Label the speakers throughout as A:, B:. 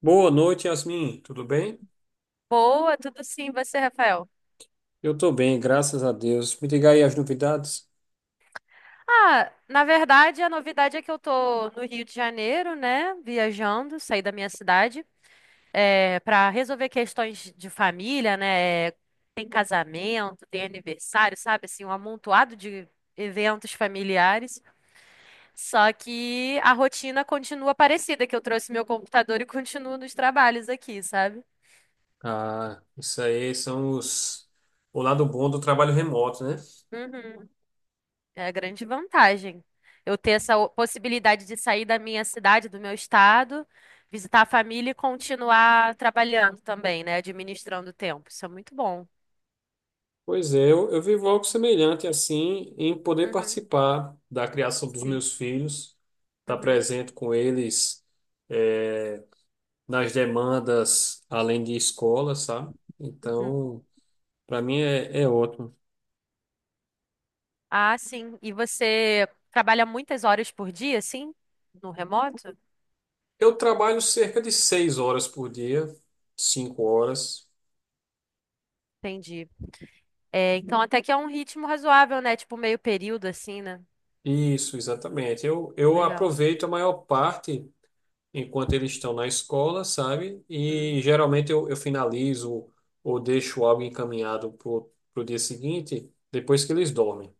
A: Boa noite, Yasmin. Tudo bem?
B: Boa, tudo sim, você, Rafael?
A: Eu tô bem, graças a Deus. Me diga aí as novidades.
B: Ah, na verdade, a novidade é que eu tô no Rio de Janeiro, né? Viajando, saí da minha cidade, para resolver questões de família, né? Tem casamento, tem aniversário, sabe? Assim, um amontoado de eventos familiares. Só que a rotina continua parecida, que eu trouxe meu computador e continuo nos trabalhos aqui, sabe?
A: Ah, isso aí são os... o lado bom do trabalho remoto, né?
B: Uhum. É a grande vantagem. Eu ter essa possibilidade de sair da minha cidade, do meu estado, visitar a família e continuar trabalhando também, né? Administrando o tempo. Isso é muito bom.
A: Pois é, eu vivo algo semelhante assim em poder
B: Uhum,
A: participar da criação dos
B: sim.
A: meus filhos, estar
B: Uhum,
A: presente com eles eh, nas demandas além de escola, sabe?
B: uhum.
A: Então, para mim é, é ótimo.
B: Ah, sim. E você trabalha muitas horas por dia, sim? No remoto?
A: Eu trabalho cerca de 6 horas por dia, 5 horas.
B: Entendi. É, então até que é um ritmo razoável, né? Tipo meio período, assim, né?
A: Isso, exatamente. Eu
B: Legal.
A: aproveito a maior parte enquanto eles estão na escola, sabe? E geralmente eu finalizo ou deixo algo encaminhado pro dia seguinte, depois que eles dormem.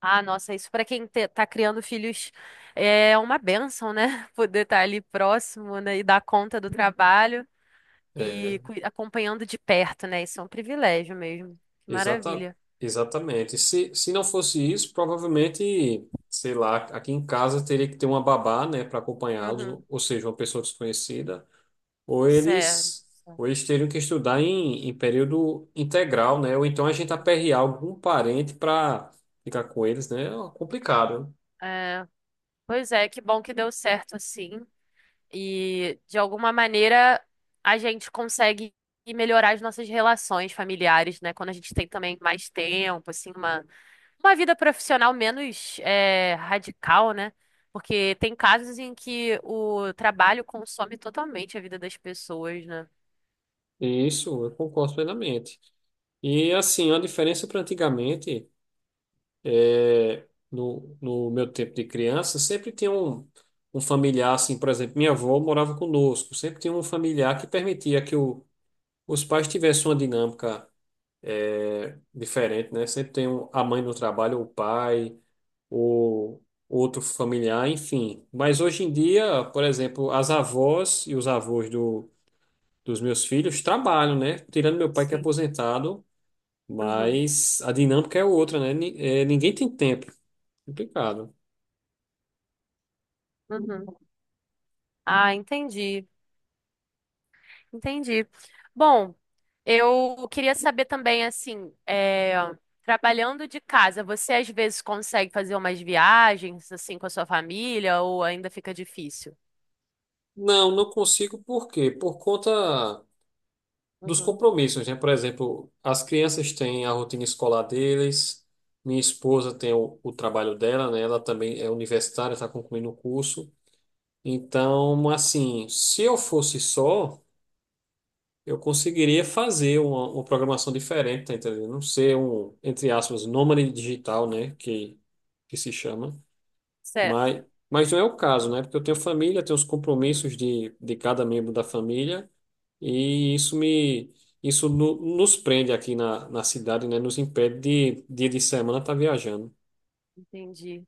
B: Ah, nossa, isso para quem tá criando filhos é uma bênção, né? Poder estar ali próximo, né? E dar conta do trabalho
A: É,
B: e acompanhando de perto, né? Isso é um privilégio mesmo. Que
A: exata,
B: maravilha.
A: exatamente. Se não fosse isso, provavelmente, sei lá, aqui em casa teria que ter uma babá, né, para acompanhá-los,
B: Uhum.
A: ou seja, uma pessoa desconhecida. Ou
B: Certo.
A: eles, ou eles teriam que estudar em período integral, né? Ou então a gente aperrear algum parente para ficar com eles, né? É complicado.
B: É, pois é, que bom que deu certo assim. E de alguma maneira a gente consegue melhorar as nossas relações familiares, né? Quando a gente tem também mais tempo, assim, uma vida profissional menos radical, né? Porque tem casos em que o trabalho consome totalmente a vida das pessoas, né?
A: Isso, eu concordo plenamente. E assim, a diferença para antigamente, é, no meu tempo de criança, sempre tinha um, um familiar, assim, por exemplo, minha avó morava conosco, sempre tinha um familiar que permitia os pais tivessem uma dinâmica. É diferente, né? Sempre tem um, a mãe no trabalho, o pai, ou outro familiar, enfim. Mas hoje em dia, por exemplo, as avós e os avós dos meus filhos trabalham, né? Tirando meu pai que é
B: Sim.
A: aposentado,
B: Uhum,
A: mas a dinâmica é outra, né? Ni- é, ninguém tem tempo. Complicado.
B: uhum. Ah, entendi, entendi. Bom, eu queria saber também, assim, trabalhando de casa, você às vezes consegue fazer umas viagens, assim, com a sua família ou ainda fica difícil?
A: Não, não consigo, por quê? Por conta dos
B: Uhum,
A: compromissos, né? Por exemplo, as crianças têm a rotina escolar deles, minha esposa tem o trabalho dela, né? Ela também é universitária, está concluindo o curso. Então, assim, se eu fosse só, eu conseguiria fazer uma programação diferente, tá entendendo? Não ser um, entre aspas, nômade digital, né? Que se chama.
B: certo.
A: Mas, mas não é o caso, né? Porque eu tenho família, tenho os
B: Uhum,
A: compromissos de cada membro
B: uhum.
A: da família. E isso me isso no- nos prende aqui na cidade, né? Nos impede de dia de semana estar viajando.
B: Entendi.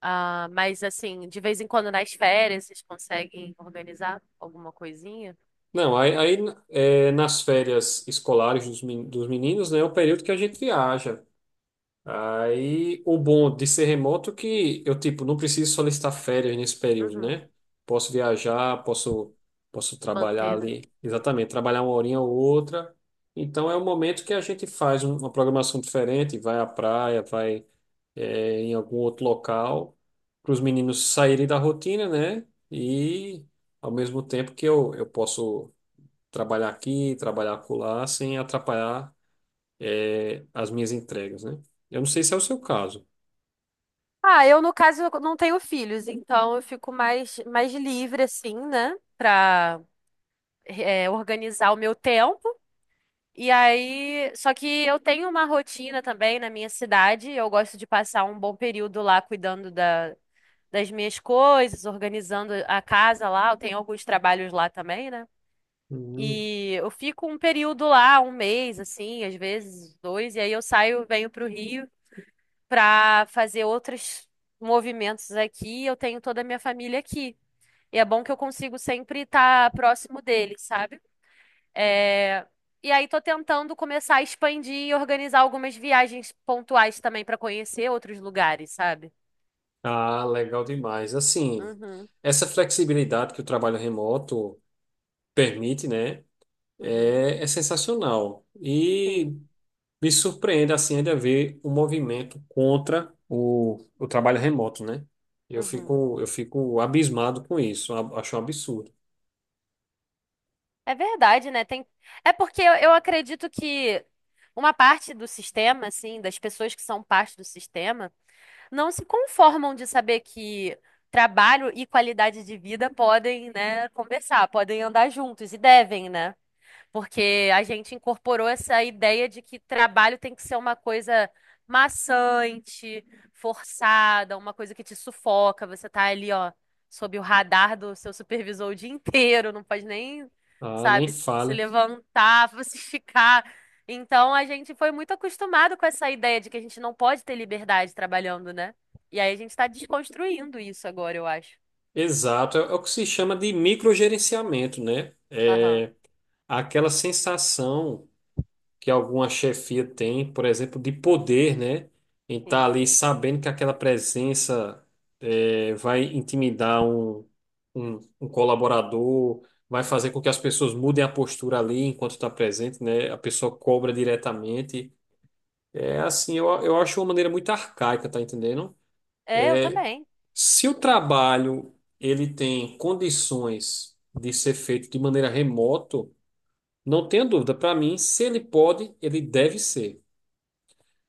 B: Ah, mas assim, de vez em quando nas férias vocês conseguem organizar alguma coisinha?
A: Não, aí, aí é, nas férias escolares dos, men- dos meninos, né, é o período que a gente viaja. Aí o bom de ser remoto é que eu tipo não preciso solicitar férias nesse período,
B: Uhum,
A: né? Posso viajar, posso posso trabalhar
B: manter, né?
A: ali, exatamente, trabalhar uma horinha ou outra. Então é o momento que a gente faz um- uma programação diferente, vai à praia, vai é, em algum outro local, para os meninos saírem da rotina, né? E ao mesmo tempo que eu posso trabalhar aqui, trabalhar acolá, sem atrapalhar, é, as minhas entregas, né? Eu não sei se é o seu caso.
B: Ah, eu no caso eu não tenho filhos, então eu fico mais, mais livre assim, né, pra organizar o meu tempo. E aí, só que eu tenho uma rotina também na minha cidade, eu gosto de passar um bom período lá cuidando da, das minhas coisas, organizando a casa lá, eu tenho alguns trabalhos lá também, né?
A: Hum.
B: E eu fico um período lá, um mês, assim, às vezes dois, e aí eu saio, venho para o Rio para fazer outros movimentos aqui. Eu tenho toda a minha família aqui. E é bom que eu consigo sempre estar próximo deles, sabe? É, e aí tô tentando começar a expandir e organizar algumas viagens pontuais também para conhecer outros lugares, sabe?
A: Ah, legal demais. Assim,
B: Uhum,
A: essa flexibilidade que o trabalho remoto permite, né?
B: uhum,
A: É, é sensacional. E
B: sim.
A: me surpreende assim ainda ver o movimento contra o trabalho remoto, né? Eu
B: Uhum.
A: fico, eu fico abismado com isso, a- acho um absurdo.
B: É verdade, né? Tem... É porque eu acredito que uma parte do sistema, assim, das pessoas que são parte do sistema, não se conformam de saber que trabalho e qualidade de vida podem, né, conversar, podem andar juntos e devem, né? Porque a gente incorporou essa ideia de que trabalho tem que ser uma coisa maçante, forçada, uma coisa que te sufoca. Você tá ali, ó, sob o radar do seu supervisor o dia inteiro, não pode nem,
A: Ah, nem
B: sabe, se
A: fale.
B: levantar, se esticar. Então a gente foi muito acostumado com essa ideia de que a gente não pode ter liberdade trabalhando, né? E aí a gente tá desconstruindo isso agora, eu acho.
A: Exato, é, é o que se chama de microgerenciamento, né?
B: Aham.
A: É aquela sensação que alguma chefia tem, por exemplo, de
B: Uhum.
A: poder, né? Em estar
B: Sim.
A: ali sabendo que aquela presença vai intimidar um colaborador, vai fazer com que as pessoas mudem a postura ali enquanto está presente, né? A pessoa cobra diretamente. É assim, eu acho uma maneira muito arcaica, tá entendendo?
B: É, eu também.
A: Se o trabalho ele tem condições de ser feito de maneira remoto, não tenha dúvida, para mim, se ele pode, ele deve ser.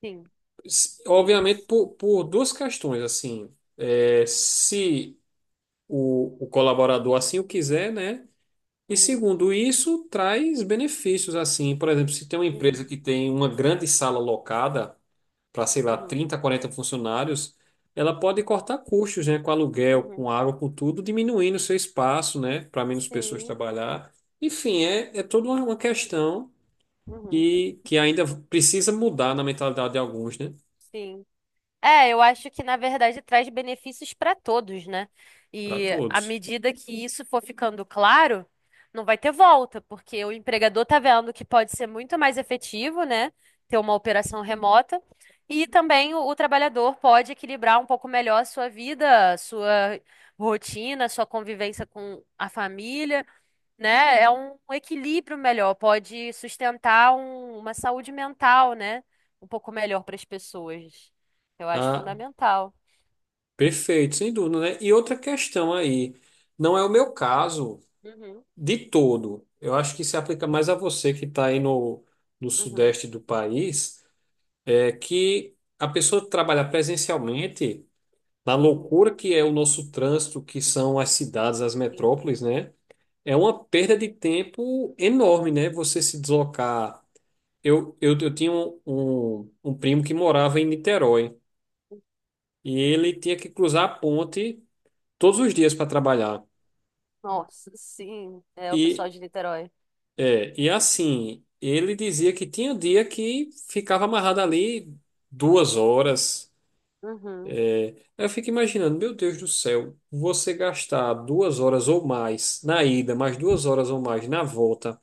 B: Sim.
A: S- obviamente,
B: Isso.
A: por duas questões, assim, é, se o colaborador assim o quiser, né? E
B: Uhum.
A: segundo isso, traz benefícios, assim, por exemplo, se tem uma empresa
B: Uhum,
A: que tem uma grande sala locada para, sei lá,
B: uhum,
A: 30 40 funcionários, ela pode cortar custos, né, com aluguel,
B: uhum.
A: com água, com tudo, diminuindo o seu espaço, né, para menos pessoas
B: Sim,
A: trabalhar. Enfim, é, é toda uma questão
B: uhum,
A: que ainda precisa mudar na mentalidade de alguns, né,
B: sim. É, eu acho que na verdade traz benefícios para todos, né?
A: para
B: E à
A: todos.
B: medida que isso for ficando claro, não vai ter volta, porque o empregador tá vendo que pode ser muito mais efetivo, né? Ter uma operação remota. E também o trabalhador pode equilibrar um pouco melhor a sua vida, a sua rotina, a sua convivência com a família, né? É um equilíbrio melhor, pode sustentar uma saúde mental, né? Um pouco melhor para as pessoas. Eu acho
A: Ah,
B: fundamental.
A: perfeito, sem dúvida, né? E outra questão aí, não é o meu caso
B: Uhum,
A: de todo. Eu acho que se aplica mais a você que está aí no
B: uhum,
A: sudeste do país, é que a pessoa que trabalha presencialmente, na
B: uhum.
A: loucura que é o nosso trânsito, que são as cidades, as
B: Sim.
A: metrópoles, né? É uma perda de tempo enorme, né? Você se deslocar. Eu tinha um, um um primo que morava em Niterói. E ele tinha que cruzar a ponte todos os dias para trabalhar.
B: Nossa, sim, é o pessoal
A: E,
B: de Niterói.
A: é, e assim, ele dizia que tinha dia que ficava amarrado ali 2 horas.
B: Uhum.
A: Aí eu fico imaginando, meu Deus do céu, você gastar 2 horas ou mais na ida, mais 2 horas ou mais na volta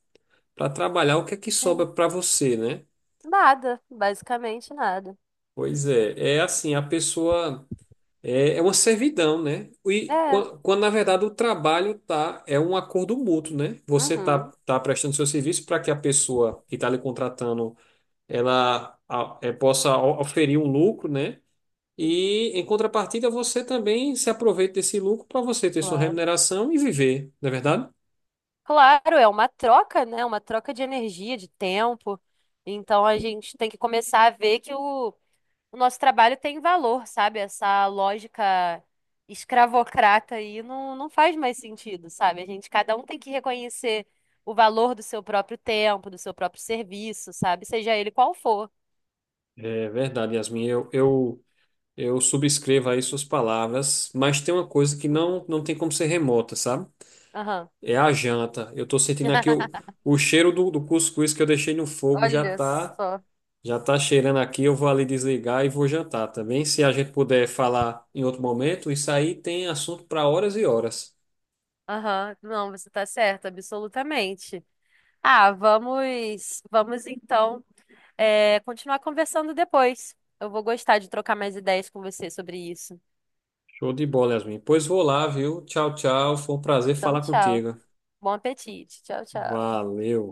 A: para trabalhar, o que é que sobra
B: Uhum.
A: para você, né?
B: Nada, basicamente nada.
A: Pois é, é assim, a pessoa. É, é uma servidão, né? E
B: É,
A: quan- quando, na verdade, o trabalho tá, é um acordo mútuo, né?
B: uhum,
A: Tá prestando seu serviço para que a pessoa que está lhe contratando, ela a- é, possa o- oferir um lucro, né?
B: uhum,
A: E, em contrapartida, você também se aproveita desse lucro para você ter sua
B: claro.
A: remuneração e viver, não é verdade?
B: Claro, é uma troca, né? Uma troca de energia, de tempo. Então a gente tem que começar a ver que o nosso trabalho tem valor, sabe? Essa lógica escravocrata aí não, não faz mais sentido, sabe? A gente, cada um tem que reconhecer o valor do seu próprio tempo, do seu próprio serviço, sabe? Seja ele qual for.
A: É verdade, Yasmin. Eu subscrevo aí suas palavras, mas tem uma coisa que
B: Uhum.
A: não, não tem como ser remota, sabe?
B: Aham.
A: É a janta. Eu tô sentindo aqui o cheiro do cuscuz que eu deixei no fogo
B: Olha só.
A: já tá cheirando aqui. Eu vou ali desligar e vou jantar também. Se a gente puder falar em outro momento, isso aí tem assunto para horas e horas.
B: Aham. Não, você tá certa, absolutamente. Ah, vamos então continuar conversando depois. Eu vou gostar de trocar mais ideias com você sobre isso.
A: Show de bola, Yasmin. Pois vou lá, viu? Tchau, tchau. Foi um prazer
B: Então,
A: falar
B: tchau.
A: contigo.
B: Bom apetite. Tchau, tchau.
A: Valeu.